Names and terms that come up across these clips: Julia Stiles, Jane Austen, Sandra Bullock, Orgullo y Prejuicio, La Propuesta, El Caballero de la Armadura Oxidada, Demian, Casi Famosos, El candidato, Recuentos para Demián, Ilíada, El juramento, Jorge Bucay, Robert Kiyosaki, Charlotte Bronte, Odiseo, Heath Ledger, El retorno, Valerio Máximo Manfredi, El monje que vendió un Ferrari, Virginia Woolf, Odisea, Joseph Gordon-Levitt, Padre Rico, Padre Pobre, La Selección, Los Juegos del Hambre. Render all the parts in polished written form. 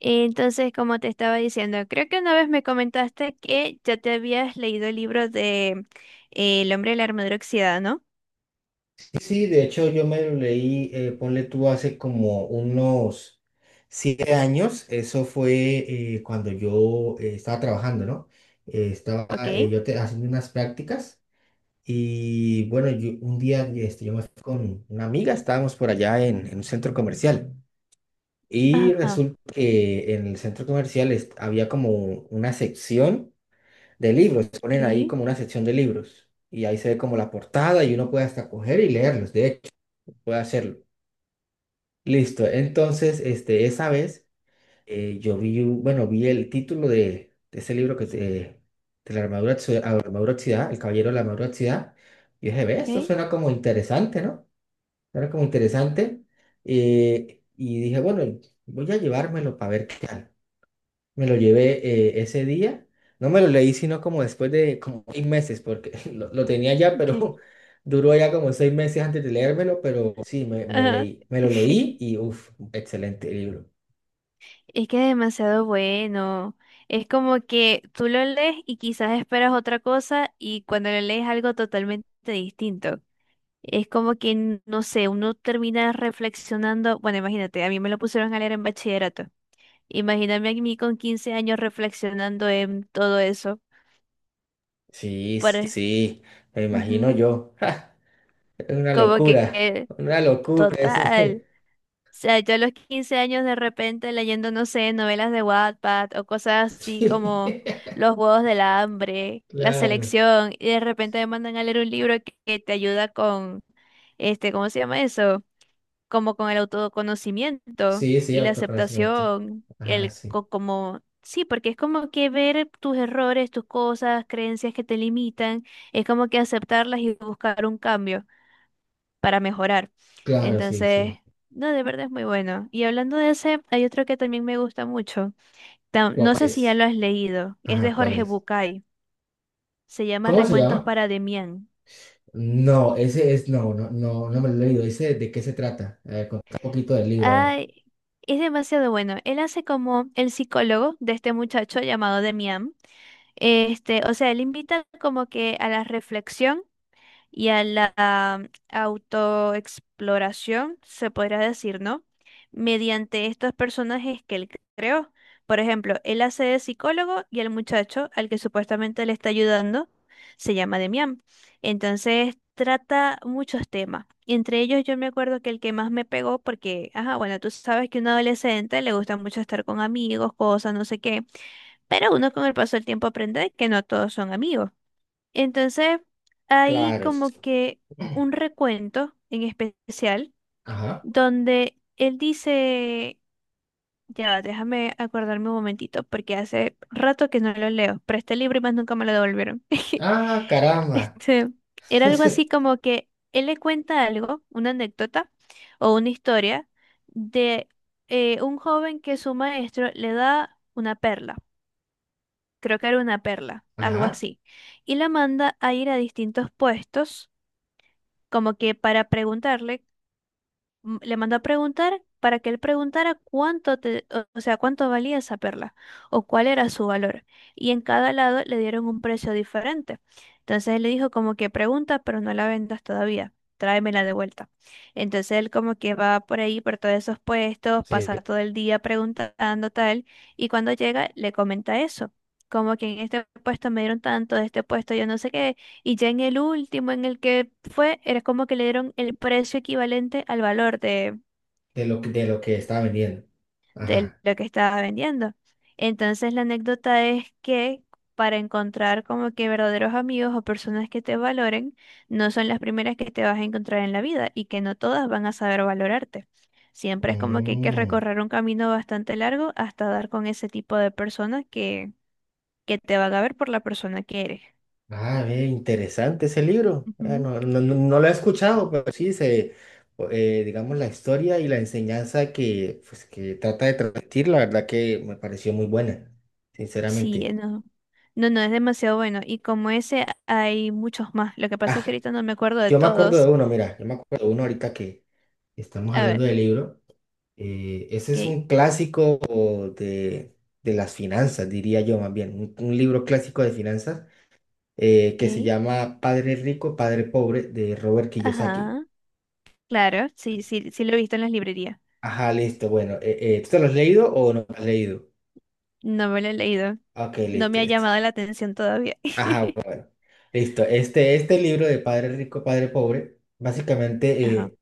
Entonces, como te estaba diciendo, creo que una vez me comentaste que ya te habías leído el libro de El hombre de la armadura oxidada, ¿no? Sí, de hecho yo me lo leí, ponle tú, hace como unos 7 años. Eso fue cuando yo estaba trabajando, ¿no? Ok. Estaba yo haciendo unas prácticas. Y bueno, yo, un día este, yo me fui con una amiga. Estábamos por allá en un centro comercial, y Ajá. resulta que en el centro comercial había como una sección de libros. Ok, Ponen ahí como una sección de libros, y ahí se ve como la portada, y uno puede hasta coger y leerlos, de hecho. Puedo hacerlo. Listo. Entonces, este, esa vez yo vi, bueno, vi el título de ese libro que es, de la armadura, ah, armadura oxidada, El Caballero de la Armadura Oxidada. Y dije, ve, ok, esto suena como interesante, ¿no? Suena como interesante. Y dije, bueno, voy a llevármelo para ver qué tal. Me lo llevé ese día. No me lo leí, sino como después de como 6 meses, porque lo tenía ya, ok. pero duró ya como 6 meses antes de leérmelo. Pero sí, Ajá. Me lo leí, y uff, excelente libro. Es que es demasiado bueno. Es como que tú lo lees y quizás esperas otra cosa y cuando lo lees algo totalmente distinto. Es como que, no sé, uno termina reflexionando. Bueno, imagínate, a mí me lo pusieron a leer en bachillerato. Imagíname a mí con 15 años reflexionando en todo eso. Sí, sí, Pare- sí, me imagino Ujú. yo. Es Como que, una locura ese. total. O sea, yo a los 15 años de repente leyendo, no sé, novelas de Wattpad o cosas así Sí, como Los Juegos del Hambre, La claro. Selección, y de repente me mandan a leer un libro que, te ayuda con, ¿cómo se llama eso? Como con el autoconocimiento Sí, sí, y la autoconocimiento. aceptación, Ajá, sí. Como sí, porque es como que ver tus errores, tus cosas, creencias que te limitan, es como que aceptarlas y buscar un cambio para mejorar. Claro, sí, Entonces, sí. no, de verdad es muy bueno. Y hablando de ese, hay otro que también me gusta mucho. ¿Cuál No sé si ya es? lo has leído, es de Ajá, ¿cuál Jorge es? Bucay, se llama ¿Cómo se Recuentos llama? para Demián. No, ese es, no, no, no, no me lo he leído. Ese, ¿de qué se trata? A ver, contá un poquito del libro, a ver. Ay, es demasiado bueno. Él hace como el psicólogo de este muchacho llamado Demián. O sea, él invita como que a la reflexión y a la autoexploración, se podría decir, ¿no? Mediante estos personajes que él creó. Por ejemplo, él hace de psicólogo y el muchacho al que supuestamente le está ayudando se llama Demian. Entonces, trata muchos temas. Entre ellos, yo me acuerdo que el que más me pegó, porque, ajá, bueno, tú sabes que un adolescente le gusta mucho estar con amigos, cosas, no sé qué. Pero uno con el paso del tiempo aprende que no todos son amigos. Entonces, hay Claro. Sí. como que un recuento en especial Ajá. donde él dice, ya, va, déjame acordarme un momentito, porque hace rato que no lo leo. Pero este libro y más nunca me lo devolvieron. Ah, caramba. Este, era algo así como que él le cuenta algo, una anécdota o una historia de un joven que su maestro le da una perla, creo que era una perla, algo Ajá. así, y la manda a ir a distintos puestos, como que para preguntarle, le mandó a preguntar para que él preguntara o sea, cuánto valía esa perla o cuál era su valor. Y en cada lado le dieron un precio diferente. Entonces él le dijo como que pregunta, pero no la vendas todavía. Tráemela de vuelta. Entonces él como que va por ahí, por todos esos puestos, Sí, pasa todo el día preguntando tal, y cuando llega le comenta eso, como que en este puesto me dieron tanto, de este puesto yo no sé qué, y ya en el último en el que fue, era como que le dieron el precio equivalente al valor de, de lo que estaba vendiendo. de Ajá. lo que estaba vendiendo. Entonces la anécdota es que para encontrar como que verdaderos amigos o personas que te valoren, no son las primeras que te vas a encontrar en la vida y que no todas van a saber valorarte. Siempre es como que hay que Mm. recorrer un camino bastante largo hasta dar con ese tipo de persona que te va a ver por la persona que eres. Ah, ve, interesante ese libro. Ah, Ujú. no, no, no lo he escuchado, pero sí se, digamos, la historia y la enseñanza que, pues, que trata de transmitir, la verdad que me pareció muy buena, Sí, sinceramente. no. No, no, es demasiado bueno. Y como ese hay muchos más. Lo que pasa es que Ah, ahorita no me acuerdo de yo me acuerdo de todos. uno, mira, yo me acuerdo de uno ahorita que estamos A ver, hablando del libro. Ese ok, es un clásico de, de las finanzas, diría yo más bien, un libro clásico de finanzas ok. que se llama Padre Rico, Padre Pobre, de Robert Kiyosaki. Ajá. Claro, sí, sí, sí lo he visto en las librerías. Ajá, listo, bueno, ¿tú te lo has leído o no lo has leído? No me lo he leído. Ok, No listo, me ha listo. llamado la atención todavía. Ajá, bueno, listo. Este libro de Padre Rico, Padre Pobre, básicamente Ajá.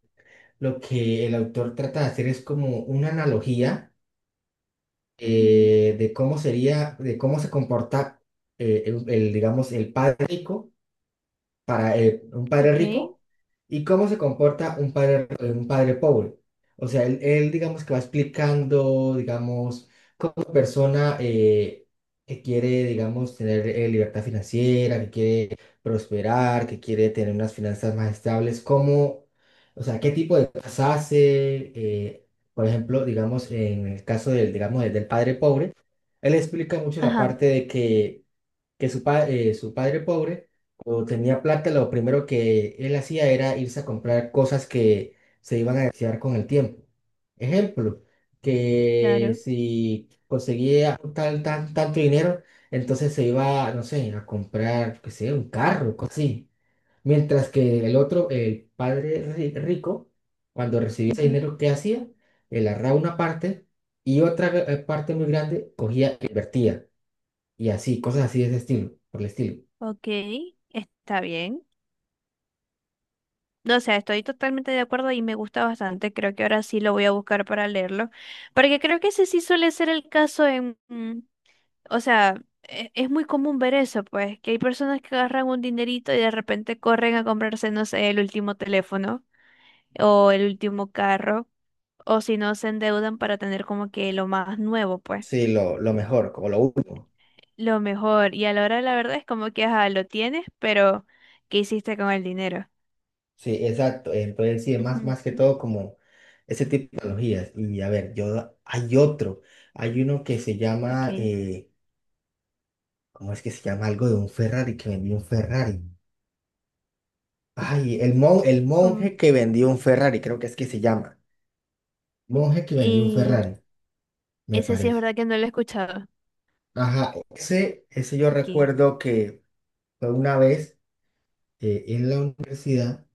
lo que el autor trata de hacer es como una analogía, Mm. De cómo sería, de cómo se comporta, el, digamos, el padre rico, para un padre Ok. rico, y cómo se comporta un padre pobre. O sea, él, digamos que va explicando, digamos, cómo una persona que quiere, digamos, tener libertad financiera, que quiere prosperar, que quiere tener unas finanzas más estables, cómo, o sea, qué tipo de cosas hace, por ejemplo, digamos, en el caso del, digamos, del padre pobre, él explica mucho la Ajá, parte de que su, su padre pobre, cuando tenía plata, lo primero que él hacía era irse a comprar cosas que se iban a desear con el tiempo. Ejemplo, que claro. si conseguía tal, tanto dinero, entonces se iba, no sé, a comprar, qué sé, un carro, cosas así. Mientras que el otro, el padre rico, cuando recibía ese Ujú. dinero, ¿qué hacía? Él agarraba una parte, y otra parte muy grande cogía e invertía, y así, cosas así de ese estilo, por el estilo. Ok, está bien. No, o sea, estoy totalmente de acuerdo y me gusta bastante. Creo que ahora sí lo voy a buscar para leerlo. Porque creo que ese sí suele ser el caso en... O sea, es muy común ver eso, pues, que hay personas que agarran un dinerito y de repente corren a comprarse, no sé, el último teléfono o el último carro, o si no, se endeudan para tener como que lo más nuevo, pues, Sí, lo mejor, como lo último. lo mejor. Y a la hora de la verdad es como que, ajá, lo tienes, pero ¿qué hiciste con el dinero? Sí, exacto. Entonces, sí, más, Ujú. más que todo como ese tipo de tecnologías. Y a ver, yo, hay otro, hay uno que se llama, Ok. ¿Cómo es que se llama? Algo de un Ferrari, que vendió un Ferrari. Ay, el como- monje que vendió un Ferrari, creo que es que se llama. Monje que vendió un Y Ferrari, me ese sí es parece. verdad que no lo he escuchado. Ajá, ese yo Ok. recuerdo que fue una vez en la universidad.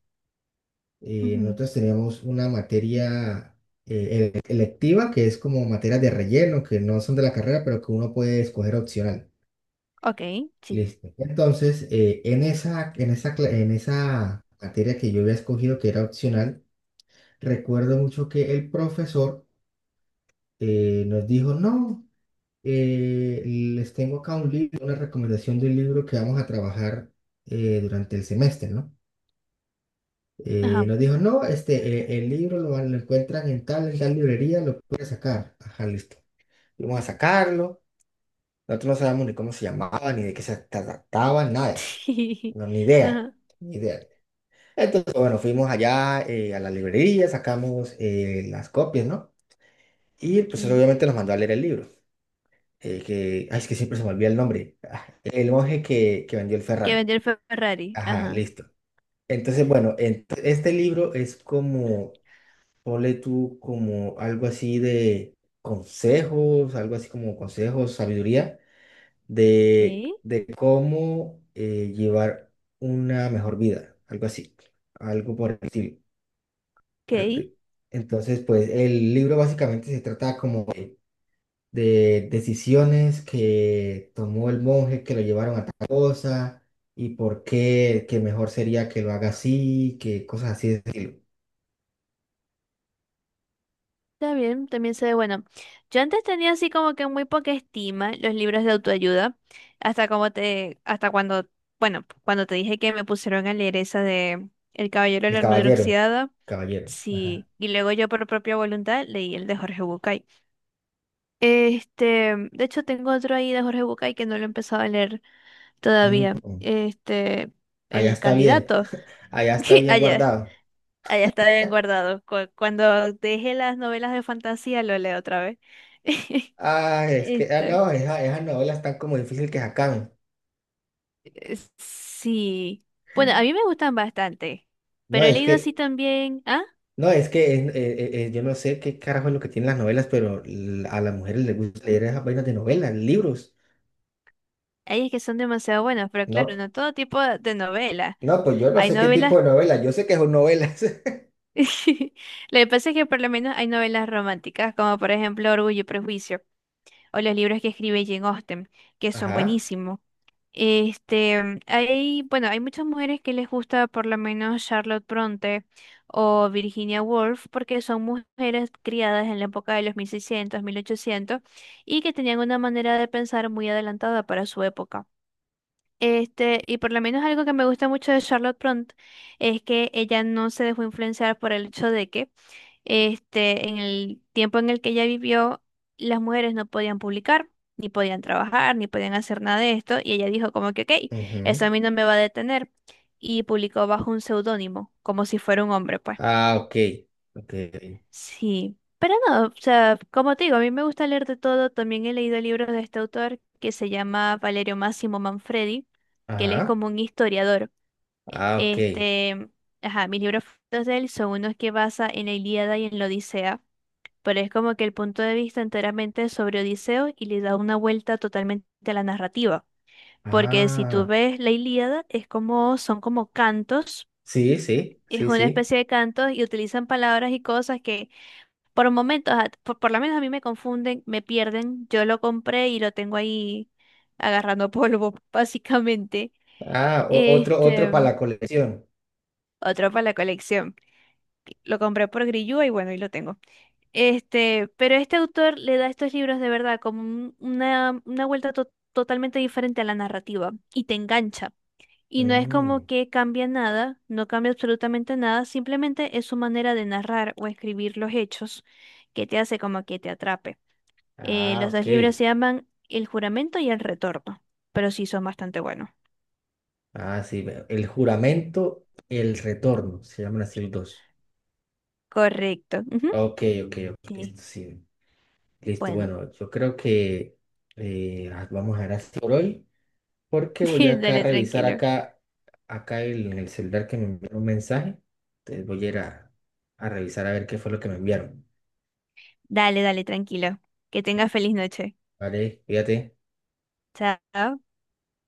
Y Ujú. nosotros teníamos una materia electiva, que es como materias de relleno, que no son de la carrera, pero que uno puede escoger opcional. Ok. Sí. Listo. Entonces, en esa materia que yo había escogido, que era opcional, recuerdo mucho que el profesor nos dijo, no, les tengo acá un libro, una recomendación de un libro que vamos a trabajar durante el semestre, ¿no? Ajá. Nos dijo, no, este, el libro lo encuentran en tal librería, lo puede sacar. Ajá, listo. Vamos a sacarlo. Nosotros no sabemos ni cómo se llamaba, ni de qué se trataba, nada de eso. No, ni idea, Ajá. ni idea. Entonces, bueno, fuimos allá a la librería, sacamos las copias, ¿no? Y el profesor Ok. obviamente nos mandó a leer el libro. Ay, es que siempre se me olvida el nombre. Ah, El monje que vendió el Que Ferrari. vendió el Ferrari. Ajá, Ajá. listo. Entonces, bueno, este libro es como ponle tú como algo así de consejos, algo así como consejos, sabiduría de, Ok. de cómo llevar una mejor vida, algo así, algo por el estilo. Ok. Al- de- Entonces, pues el libro básicamente se trata como de decisiones que tomó el monje que lo llevaron a tal cosa, y por qué, que mejor sería que lo haga así, que cosas así de ese estilo. Está bien, también se ve bueno. Yo antes tenía así como que muy poca estima los libros de autoayuda. Hasta como te, hasta cuando, bueno, cuando te dije que me pusieron a leer esa de El Caballero de El la Armadura caballero, Oxidada. caballero, ajá. Sí. Y luego yo por propia voluntad leí el de Jorge Bucay. De hecho tengo otro ahí de Jorge Bucay que no lo he empezado a leer todavía. Mm. Este, Allá el está bien, candidato. allá está bien Allá. guardado. Allá está bien guardado. Cuando deje las novelas de fantasía, lo leo otra vez. Ah, es que, ah, Este, no, esas novelas están como difícil que se acaben. Sí. Bueno, a mí me gustan bastante, No, pero he es leído así que, también. Ah, yo no sé qué carajo es lo que tienen las novelas, pero a las mujeres les gusta leer esas vainas de novelas, libros. hay es que son demasiado buenas, pero claro, No, no todo tipo de novelas. no, pues yo no Hay sé qué novelas. tipo de novelas, yo sé que son novelas. Lo que pasa es que por lo menos hay novelas románticas, como por ejemplo Orgullo y Prejuicio, o los libros que escribe Jane Austen, que son Ajá. buenísimos. Este, Hay, bueno, hay muchas mujeres que les gusta, por lo menos, Charlotte Bronte o Virginia Woolf, porque son mujeres criadas en la época de los 1600, 1800, y que tenían una manera de pensar muy adelantada para su época. Y por lo menos algo que me gusta mucho de Charlotte Bronte es que ella no se dejó influenciar por el hecho de que, en el tiempo en el que ella vivió, las mujeres no podían publicar, ni podían trabajar, ni podían hacer nada de esto, y ella dijo como que, ok, eso Ujú. a mí no me va a detener, y publicó bajo un seudónimo, como si fuera un hombre, pues. Ah, ok. Ok. Sí, pero no, o sea, como te digo, a mí me gusta leer de todo, también he leído libros de este autor que se llama Valerio Máximo Manfredi, que él es Ajá. como un historiador. Ah, ok. Este, ajá, mis libros favoritos de él son unos que basa en la Ilíada y en la Odisea, pero es como que el punto de vista enteramente sobre Odiseo, y le da una vuelta totalmente a la narrativa. Porque si tú Ah, ves la Ilíada, es como, son como cantos, sí, sí, es sí, una sí. especie de cantos y utilizan palabras y cosas que por momentos, por lo menos a mí me confunden, me pierden. Yo lo compré y lo tengo ahí agarrando polvo, básicamente. Ah, otro para Este, la colección. otro para la colección. Lo compré por Grillúa y bueno, y lo tengo. Pero este autor le da a estos libros de verdad como una vuelta totalmente diferente a la narrativa y te engancha. Y no es Mm. como que cambia nada, no cambia absolutamente nada, simplemente es su manera de narrar o escribir los hechos, que te hace como que te atrape. Eh, Ah, los dos ok. libros se llaman El juramento y El retorno, pero sí son bastante buenos. Ah, sí, veo. El juramento, El retorno, se llaman así los dos. Correcto. Ujú. Ok, ok, ok, Sí, listo, sí. Listo, bueno. bueno, yo creo que vamos a ver así por hoy, porque voy acá a Dale, revisar tranquilo. acá, en el celular, que me enviaron un mensaje. Entonces voy a ir a revisar a ver qué fue lo que me enviaron. Dale, dale, tranquilo. Que tengas feliz noche. Vale, fíjate. Chao.